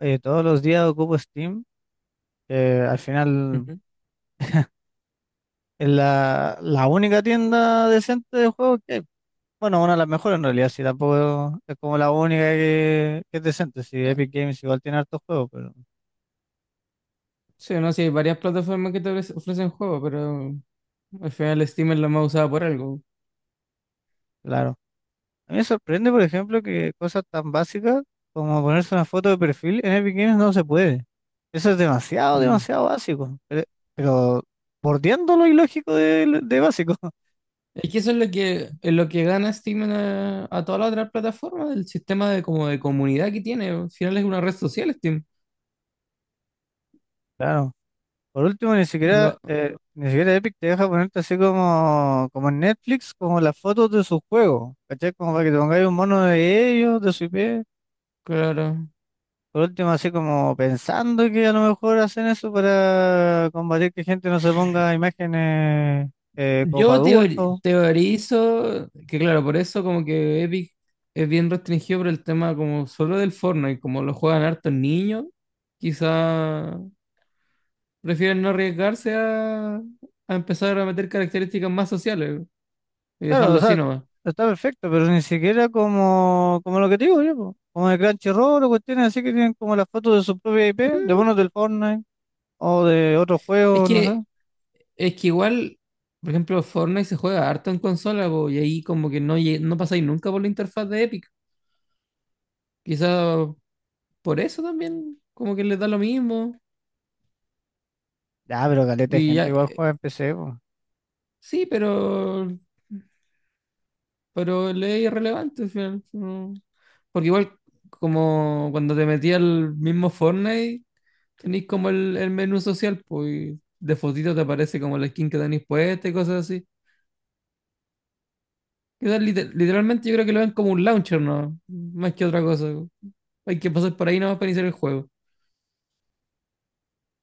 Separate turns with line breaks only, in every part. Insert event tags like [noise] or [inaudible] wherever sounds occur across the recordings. Todos los días ocupo Steam, que al final
Ujú.
es la única tienda decente de juegos que hay. Bueno, una de las mejores en realidad, sí, tampoco es como la única que es decente. Sí, Epic Games igual tiene hartos juegos, pero
Sí, no, sí, hay varias plataformas que te ofrecen juegos, pero al final Steam es la más usada por algo.
claro. A mí me sorprende, por ejemplo, que cosas tan básicas como ponerse una foto de perfil en Epic Games no se puede. Eso es demasiado,
Mm.
demasiado básico. Pero bordeando lo ilógico de básico. [laughs]
Es que eso es lo que gana Steam a todas las otras plataformas, el sistema de, como de comunidad que tiene. Al final es una red social Steam.
Claro. Por último, ni siquiera,
Lo-
ni siquiera Epic te deja ponerte así como, como en Netflix, como las fotos de sus juegos, ¿cachai? Como para que te pongáis un mono de ellos, de su IP.
claro.
Por último, así como pensando que a lo mejor hacen eso para combatir que gente no se ponga imágenes como para
Yo
adultos.
teorizo que, claro, por eso como que Epic es bien restringido por el tema como solo del Fortnite, como lo juegan hartos niños, quizá prefieren no arriesgarse a empezar a meter características más sociales y
Claro, o
dejarlo así
sea,
nomás.
está perfecto, pero ni siquiera como, como lo que te digo yo, po, como de Crunchyroll o cuestiones así que tienen como las fotos de su propia IP, de
Mm,
monos del Fortnite o de otros
Es
juegos, no
que,
sé.
es que igual, por ejemplo, Fortnite se juega harto en consola, po, y ahí como que no, no pasáis nunca por la interfaz de Epic. Quizá por eso también, como que les da lo mismo.
Ah, pero caleta de
Y ya,
gente igual juega en PC, po.
sí, pero le es irrelevante al final, no. Porque igual, como cuando te metías al mismo Fortnite tenéis como el menú social, pues y de fotito te aparece como la skin que tenéis puesta y cosas así. Quizás literalmente yo creo que lo ven como un launcher, ¿no? Más que otra cosa. Hay que pasar por ahí nomás para iniciar el juego.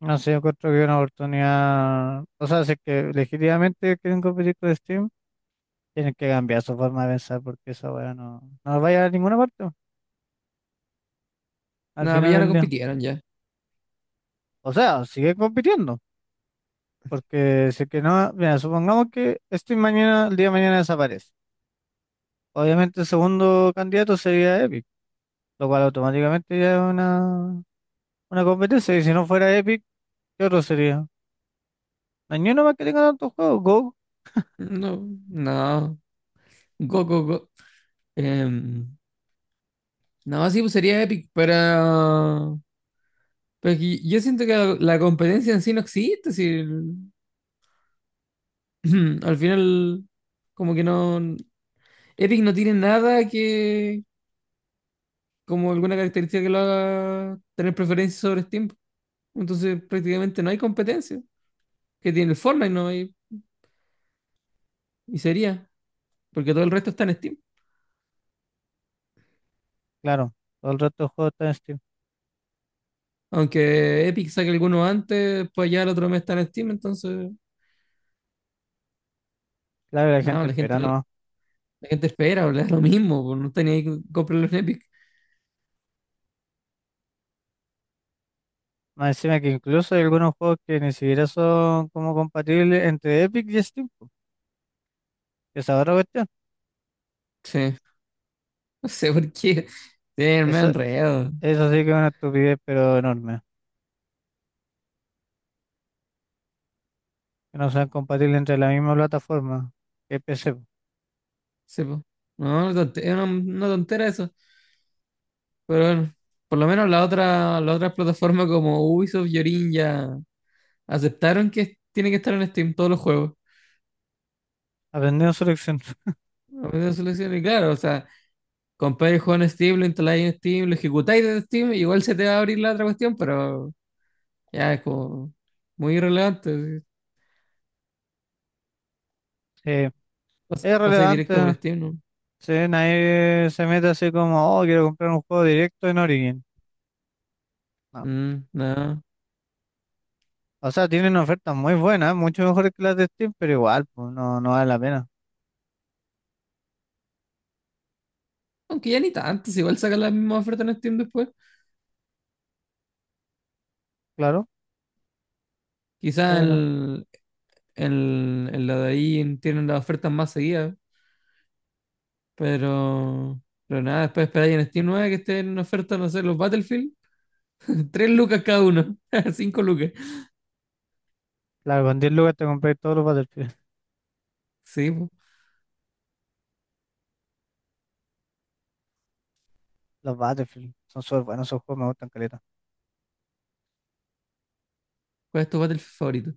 No sé, yo encuentro que es una oportunidad. O sea, si es que legítimamente quieren competir con Steam, tienen que cambiar su forma de pensar porque esa weá no, no va a llegar a ninguna parte al
Nada, pues
final
ya no
del día.
compitieron ya.
O sea, sigue compitiendo. Porque si es que no, mira, supongamos que Steam mañana, el día de mañana desaparece. Obviamente el segundo candidato sería Epic, lo cual automáticamente ya es una competencia. Y si no fuera Epic, ¿qué otro sería? No hay ni uno más que tenga tantos juegos. Go,
No, no. Go, go, go. Em, no, sí, pues sería Epic, pero es que yo siento que la competencia en sí no existe. Si el- [clears throat] al final, como que no. Epic no tiene nada que, como alguna característica que lo haga tener preferencia sobre Steam. Entonces prácticamente no hay competencia que tiene el Fortnite, no hay, y sería, porque todo el resto está en Steam.
claro. Todo el resto de juegos está en Steam.
Aunque Epic saque alguno antes, pues ya el otro mes está en Steam, entonces,
Claro, la
no,
gente
la
espera
gente, la
nomás.
gente espera, [laughs] o le da lo mismo, pues no tenía que comprarlo en Epic.
Más encima que incluso hay algunos juegos que ni siquiera son como compatibles entre Epic y Steam, po. Esa es otra cuestión.
Sí, no sé por qué. Sí, me
Eso,
enredo.
eso sí que es una estupidez, pero enorme. Que no sean compatibles entre la misma plataforma que PC, po.
Sí, po. No, es una tontera eso. Pero bueno, por lo menos la otra plataforma como Ubisoft y Origin ya aceptaron que tiene que estar en Steam todos los juegos.
Aprendiendo su lección. [laughs]
A veces solución, y claro, o sea, compráis el juego en Steam, lo instaláis en Steam, lo ejecutáis en Steam, igual se te va a abrir la otra cuestión, pero ya es como muy irrelevante.
Sí, es
Pasáis directo por
relevante.
Steam, ¿no?
Sí, nadie se mete así como, oh, quiero comprar un juego directo en Origin. No.
Mm, no.
O sea, tienen ofertas muy buenas, mucho mejores que las de Steam, pero igual, pues no, no vale la pena.
Aunque ya ni tanto, si igual sacan las mismas ofertas en Steam después.
Claro,
Quizás
pero
en la de ahí tienen las ofertas más seguidas, pero, pero nada, después esperáis en Steam 9 que esté en oferta, no sé, los Battlefield. [laughs] Tres lucas cada uno, [laughs] cinco lucas.
claro, con 10 lucas te compré todos los Battlefield.
Sí, po.
Los Battlefield son súper buenos, esos juegos me gustan caleta.
¿Cuál es tu Battlefield favorito?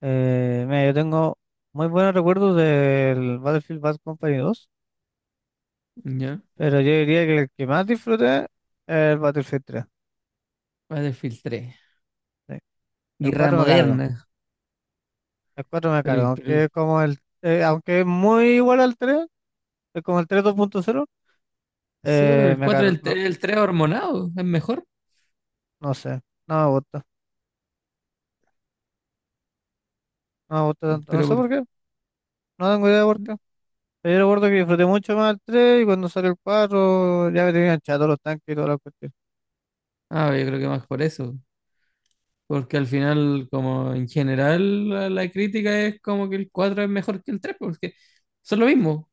Mira, yo tengo muy buenos recuerdos del Battlefield Bad Company 2,
Ya,
pero yo diría que el que más disfruté es el Battlefield tres,
Battlefield tres.
sí. El
Guerra
4 me cargo,
moderna.
el cuatro me
Pero
cargo,
el, pero
aunque
el-
es como aunque es muy igual al tres, es como el 3 2.0.
sí, pero el
Me
cuatro
cargo,
el 3 hormonado es mejor.
no sé, no me gusta, no me gusta tanto, no
Pero
sé
por,
por qué, no tengo idea por qué. Pero yo recuerdo que disfruté mucho más el tres, y cuando salió el 4 ya me tenían chato los tanques y todas las cuestiones.
ah, yo creo que más por eso. Porque al final, como en general, la crítica es como que el 4 es mejor que el 3 porque son lo mismo,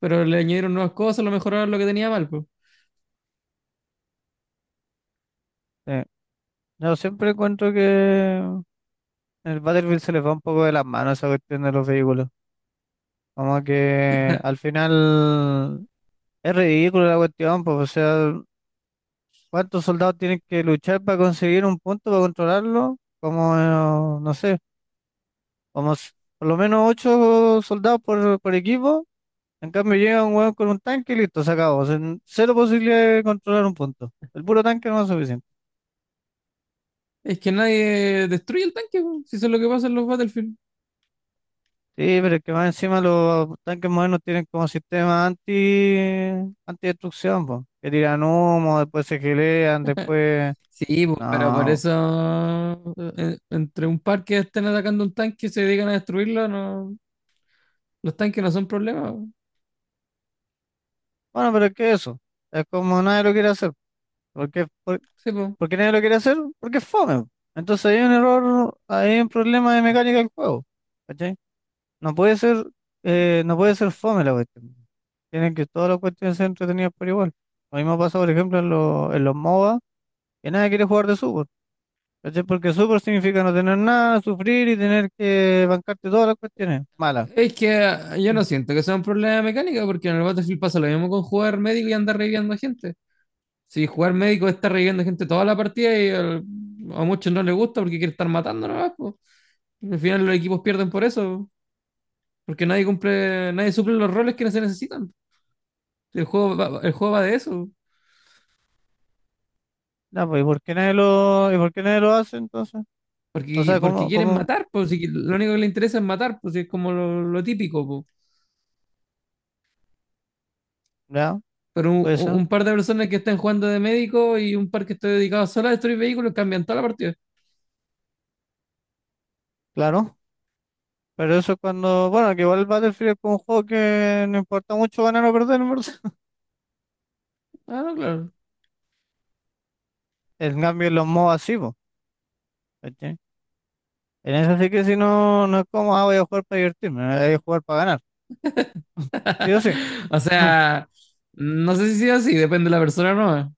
pero le añadieron nuevas cosas, lo mejoraron lo que tenía mal, pues.
Yo siempre encuentro que en el Battlefield se les va un poco de las manos esa cuestión de los vehículos. Como que al final es ridículo la cuestión, pues, o sea, ¿cuántos soldados tienen que luchar para conseguir un punto, para controlarlo? Como, no sé, como s- por lo menos ocho soldados por equipo. En cambio llega un hueón con un tanque y listo, se acabó. O sea, cero posibilidad de controlar un punto. El puro tanque no es suficiente.
Es que nadie destruye el tanque, po, si eso es lo que pasa en los Battlefield.
Sí, pero es que más encima los tanques modernos tienen como sistema antidestrucción, po, que tiran humo, después se gelean, después...
Sí, po, pero por
No,
eso entre un par que estén atacando un tanque y se dedican a destruirlo, no, los tanques no son problema, po.
bueno, pero es que eso, es como nadie lo quiere hacer. ¿Por qué, por,
Sí, po.
¿por qué nadie lo quiere hacer? Porque es fome, po. Entonces hay un error, hay un problema de mecánica del juego, ¿cachai? No puede ser, no puede ser fome la cuestión. Tienen que todas las cuestiones ser entretenidas por igual. Lo mismo pasa, por ejemplo, en los MOBA, que nadie quiere jugar de sub, ¿cachai? Porque súper significa no tener nada, sufrir y tener que bancarte todas las cuestiones malas.
Es que yo
Mm.
no siento que sea un problema de mecánica, porque en el Battlefield pasa lo mismo con jugar médico y andar reviviendo a gente. Si jugar médico está reviviendo gente toda la partida y a muchos no les gusta porque quiere estar matando nomás, po. Al final los equipos pierden por eso, po, porque nadie cumple, nadie suple los roles que se necesitan. El juego va de eso.
Ya, pues, ¿y por qué nadie lo hace entonces? O
Porque,
sea,
porque quieren
¿cómo?
matar, pues si lo único que les interesa es matar, pues es como lo típico, po.
Ya,
Pero un,
puede ser,
un par de personas que están jugando de médico y un par que está dedicado solo a destruir vehículos cambian toda la partida.
claro. Pero eso es cuando, bueno, que igual el Battlefield es como un juego que no importa mucho ganar o perder, en verdad. [laughs]
Ah, no, claro.
En cambio, en los modos así, po, ¿cachai? En eso sí que si no, no es como, ah, voy a jugar para divertirme, voy a jugar para ganar. Sí o
[laughs]
sí.
O
[laughs]
sea, no sé si sea así, depende de la persona, ¿no?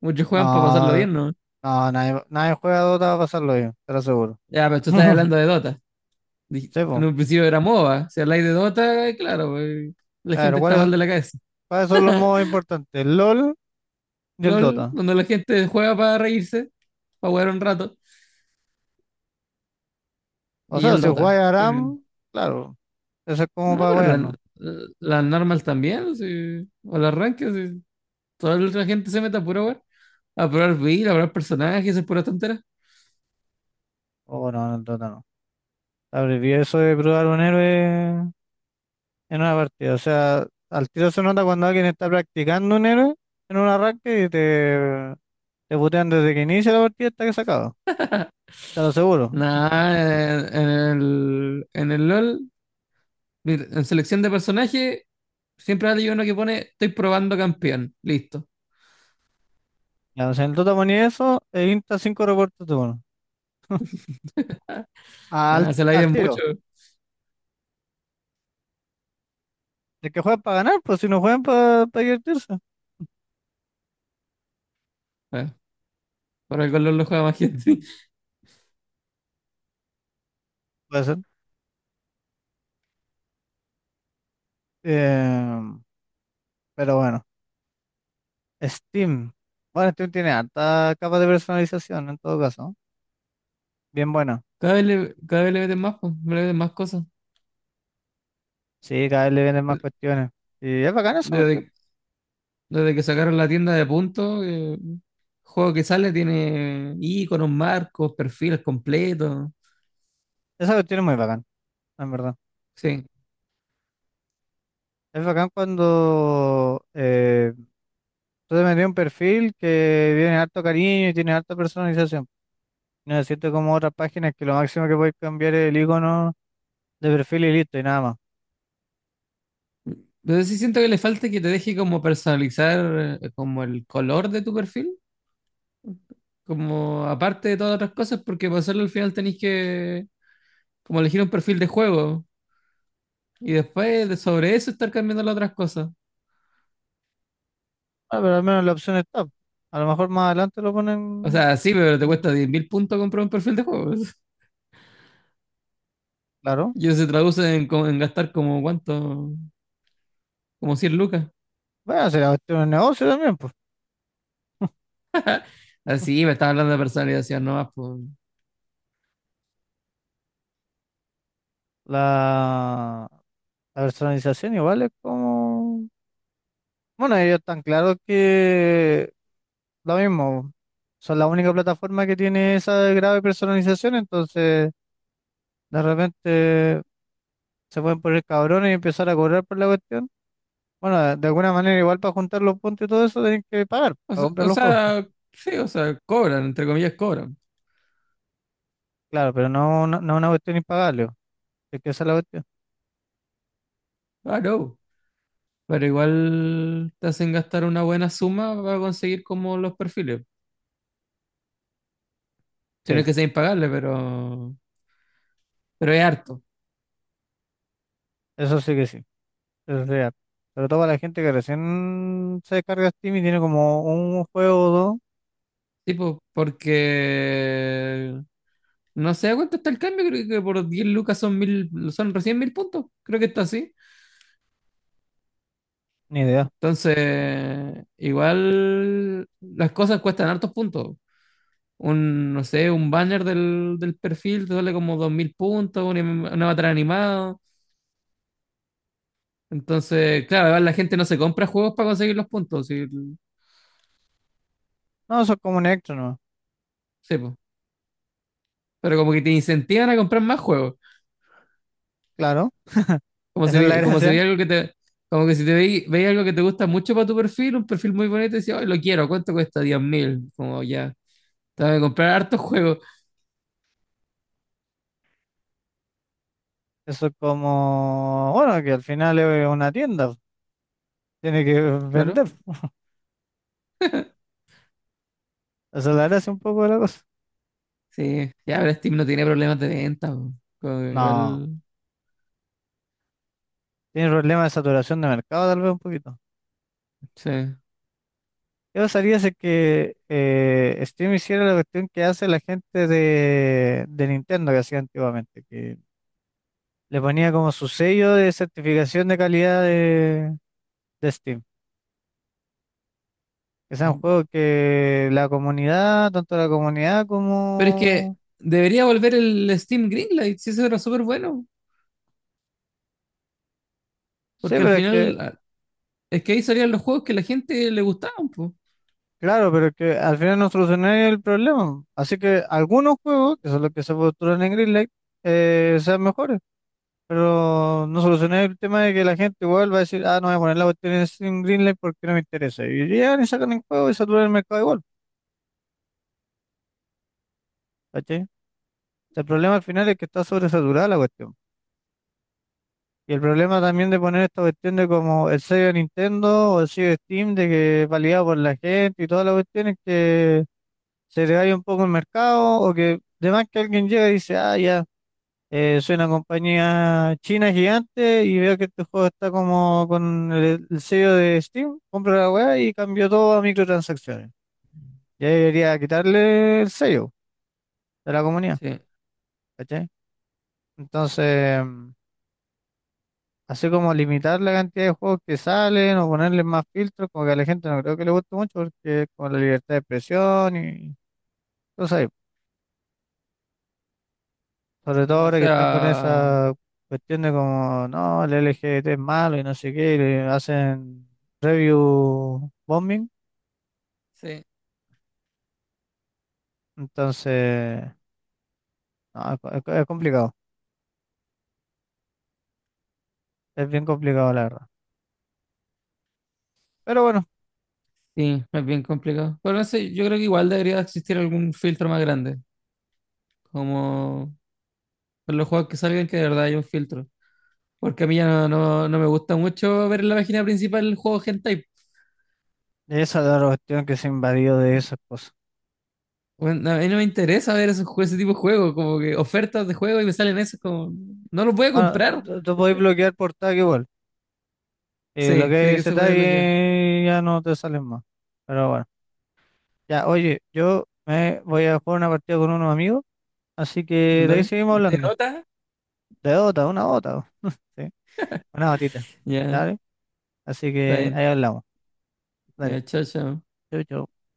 Muchos juegan para pasarlo
No,
bien, ¿no?
nadie juega a Dota para pasarlo bien, te lo aseguro.
Ya, pero tú estás
[laughs]
hablando de Dota.
Sí,
En
po.
un principio era MOBA. Si habláis de Dota, claro, pues, la
A ver,
gente está
¿cuáles?
mal de la cabeza.
Para eso es lo más importante, el LOL y el
LOL,
Dota.
donde la gente juega para reírse, para jugar un rato,
O
y
sea,
el
si jugáis
Dota.
Aram, claro, eso es como
No,
para
pero
wearnos.
las normal también, sí. O las arranque, sí. Toda la gente se mete a pura weá. A probar build, a probar personajes, es pura tontera.
O no, en el Dota no. Abreví eso de probar un héroe en una partida. O sea, al tiro se nota cuando alguien está practicando un héroe en un arranque y te putean desde que inicia la partida hasta que se acaba. Te lo aseguro.
Nada, en el LOL, mira, en selección de personaje, siempre hay uno que pone, estoy probando campeón. Listo.
Ya, o sea, en el Dota ponía eso e insta 5 reportes de uno. Al,
Ah, se la
al
llevan mucho.
tiro. El que juega para ganar, pues si no juegan para divertirse.
Ah, por algo el LOL lo juega más gente. [laughs]
Puede ser. Eh, pero bueno. Steam. Bueno, Steam tiene alta capa de personalización en todo caso. Bien buena.
Cada vez le meten más, pues, le meten más cosas.
Sí, cada vez le vienen más cuestiones. Y es bacán esa cuestión.
Desde, desde que sacaron la tienda de puntos, juego que sale tiene iconos, marcos, perfiles completos.
Esa cuestión es muy bacán, en verdad.
Sí.
Es bacán cuando tú te metes en un perfil que tiene harto cariño y tiene harta personalización. No es cierto como otras páginas que lo máximo que puedes cambiar es el icono de perfil y listo y nada más.
Pero sí siento que le falta que te deje como personalizar como el color de tu perfil, como aparte de todas otras cosas, porque para hacerlo al final tenés que como elegir un perfil de juego y después de sobre eso estar cambiando las otras cosas.
Ah, pero al menos la opción está. A lo mejor más adelante lo
O
ponen.
sea, sí, pero te cuesta 10.000 puntos comprar un perfil de juego. [laughs]
Claro.
Y eso se traduce en, en gastar como cuánto, como 100 lucas.
Bueno, será cuestión de negocio también, pues.
Así, me estaba hablando de personalización nomás. Pues.
La La personalización igual es como... Bueno, ellos tan claro que lo mismo, son la única plataforma que tiene esa grave personalización, entonces de repente se pueden poner cabrones y empezar a cobrar por la cuestión. Bueno, de alguna manera igual para juntar los puntos y todo eso tienen que pagar
O
para
sea,
comprar
o
los juegos.
sea, sí, o sea, cobran, entre comillas, cobran.
Claro, pero no es una cuestión impagable, po, es que esa es la cuestión.
Ah, no. Pero igual te hacen gastar una buena suma para conseguir como los perfiles. Si
Sí,
no que ser impagable, pero es harto.
eso sí que sí, eso es real. Sobre todo para la gente que recién se descarga Steam y tiene como un juego o dos,
Tipo, porque no sé a cuánto está el cambio, creo que por 10 lucas son mil, son recién mil puntos. Creo que está así.
ni idea.
Entonces, igual las cosas cuestan hartos puntos. Un, no sé, un banner del perfil te sale como 2000 puntos, un avatar animado. Entonces, claro, igual la gente no se compra juegos para conseguir los puntos, si.
No, son como un extra.
Sí, po. Pero como que te incentivan a comprar más juegos.
Claro, [laughs]
Como
esa
si,
es la
vi- como si
gracia.
veía algo que te. Como que si te veía algo que te gusta mucho para tu perfil, un perfil muy bonito, y decías, "Ay, lo quiero, ¿cuánto cuesta? 10.000". Como ya, te voy a comprar hartos juegos,
Eso es como, bueno, que al final es una tienda, tiene que
claro.
vender. Esa es la gracia un poco de la cosa.
Sí, ya, pero Steam no tiene problemas de venta, po. Como que
No,
igual,
tiene problemas de saturación de mercado tal vez un poquito.
sí.
¿Qué pasaría si es que Steam hiciera la cuestión que hace la gente de Nintendo que hacía antiguamente? Que le ponía como su sello de certificación de calidad de Steam. Que sea un juego que la comunidad, tanto la comunidad
Pero es que
como...
debería volver el Steam Greenlight, si eso era súper bueno,
Sí,
porque al
pero es
final,
que
es que ahí salían los juegos que la gente le gustaban, pues.
claro, pero que al final no escenario el problema. Así que algunos juegos, que son los que se postulan en Greenlight, sean mejores. Pero no solucioné el tema de que la gente igual va a decir, ah, no voy a poner la cuestión en Greenlight porque no me interesa. Y llegan y sacan el juego y saturan el mercado igual. ¿Cachai? El problema al final es que está sobresaturada la cuestión. Y el problema también de poner esta cuestión de como el sello de Nintendo o el sello de Steam, de que es validado por la gente y todas las cuestiones que se le un poco el mercado o que... Además que alguien llega y dice, ah, ya. Soy una compañía china gigante y veo que este juego está como con el sello de Steam. Compro la weá y cambio todo a microtransacciones. Ya debería quitarle el sello de la comunidad,
Sí,
¿cachai? Entonces, mm, así como limitar la cantidad de juegos que salen o ponerle más filtros, como que a la gente no creo que le guste mucho porque con la libertad de expresión y cosas. Sobre todo
o
ahora que están con
sea,
esa cuestión de como, no, el LGBT es malo y no sé qué, y le hacen review bombing.
sí.
Entonces, no, es complicado, es bien complicado la verdad. Pero bueno,
Sí, es bien complicado. Pero no sé, yo creo que igual debería existir algún filtro más grande. Como en los juegos que salgan, que de verdad hay un filtro. Porque a mí ya no, no, no me gusta mucho ver en la página principal el juego hentai.
esa es la cuestión que se invadió de esas cosas.
Bueno, a mí no me interesa ver esos, ese tipo de juegos, como que ofertas de juego y me salen esos como. No los voy a
Bueno,
comprar.
tú podés bloquear por tag igual. Y
Sí,
bloquear
sé que
ese
se
tag
puede bloquear.
y ya no te salen más. Pero bueno, ya, oye, yo me voy a jugar una partida con unos amigos, así que de ahí
¿Vale?
seguimos
¿De
hablando.
nota?
De Dota, una Dota. [laughs] Sí. Una gotita.
Ya,
Dale. Así
está
que
bien.
ahí hablamos. Dale.
Ya, chao, chao.
Chau, chau.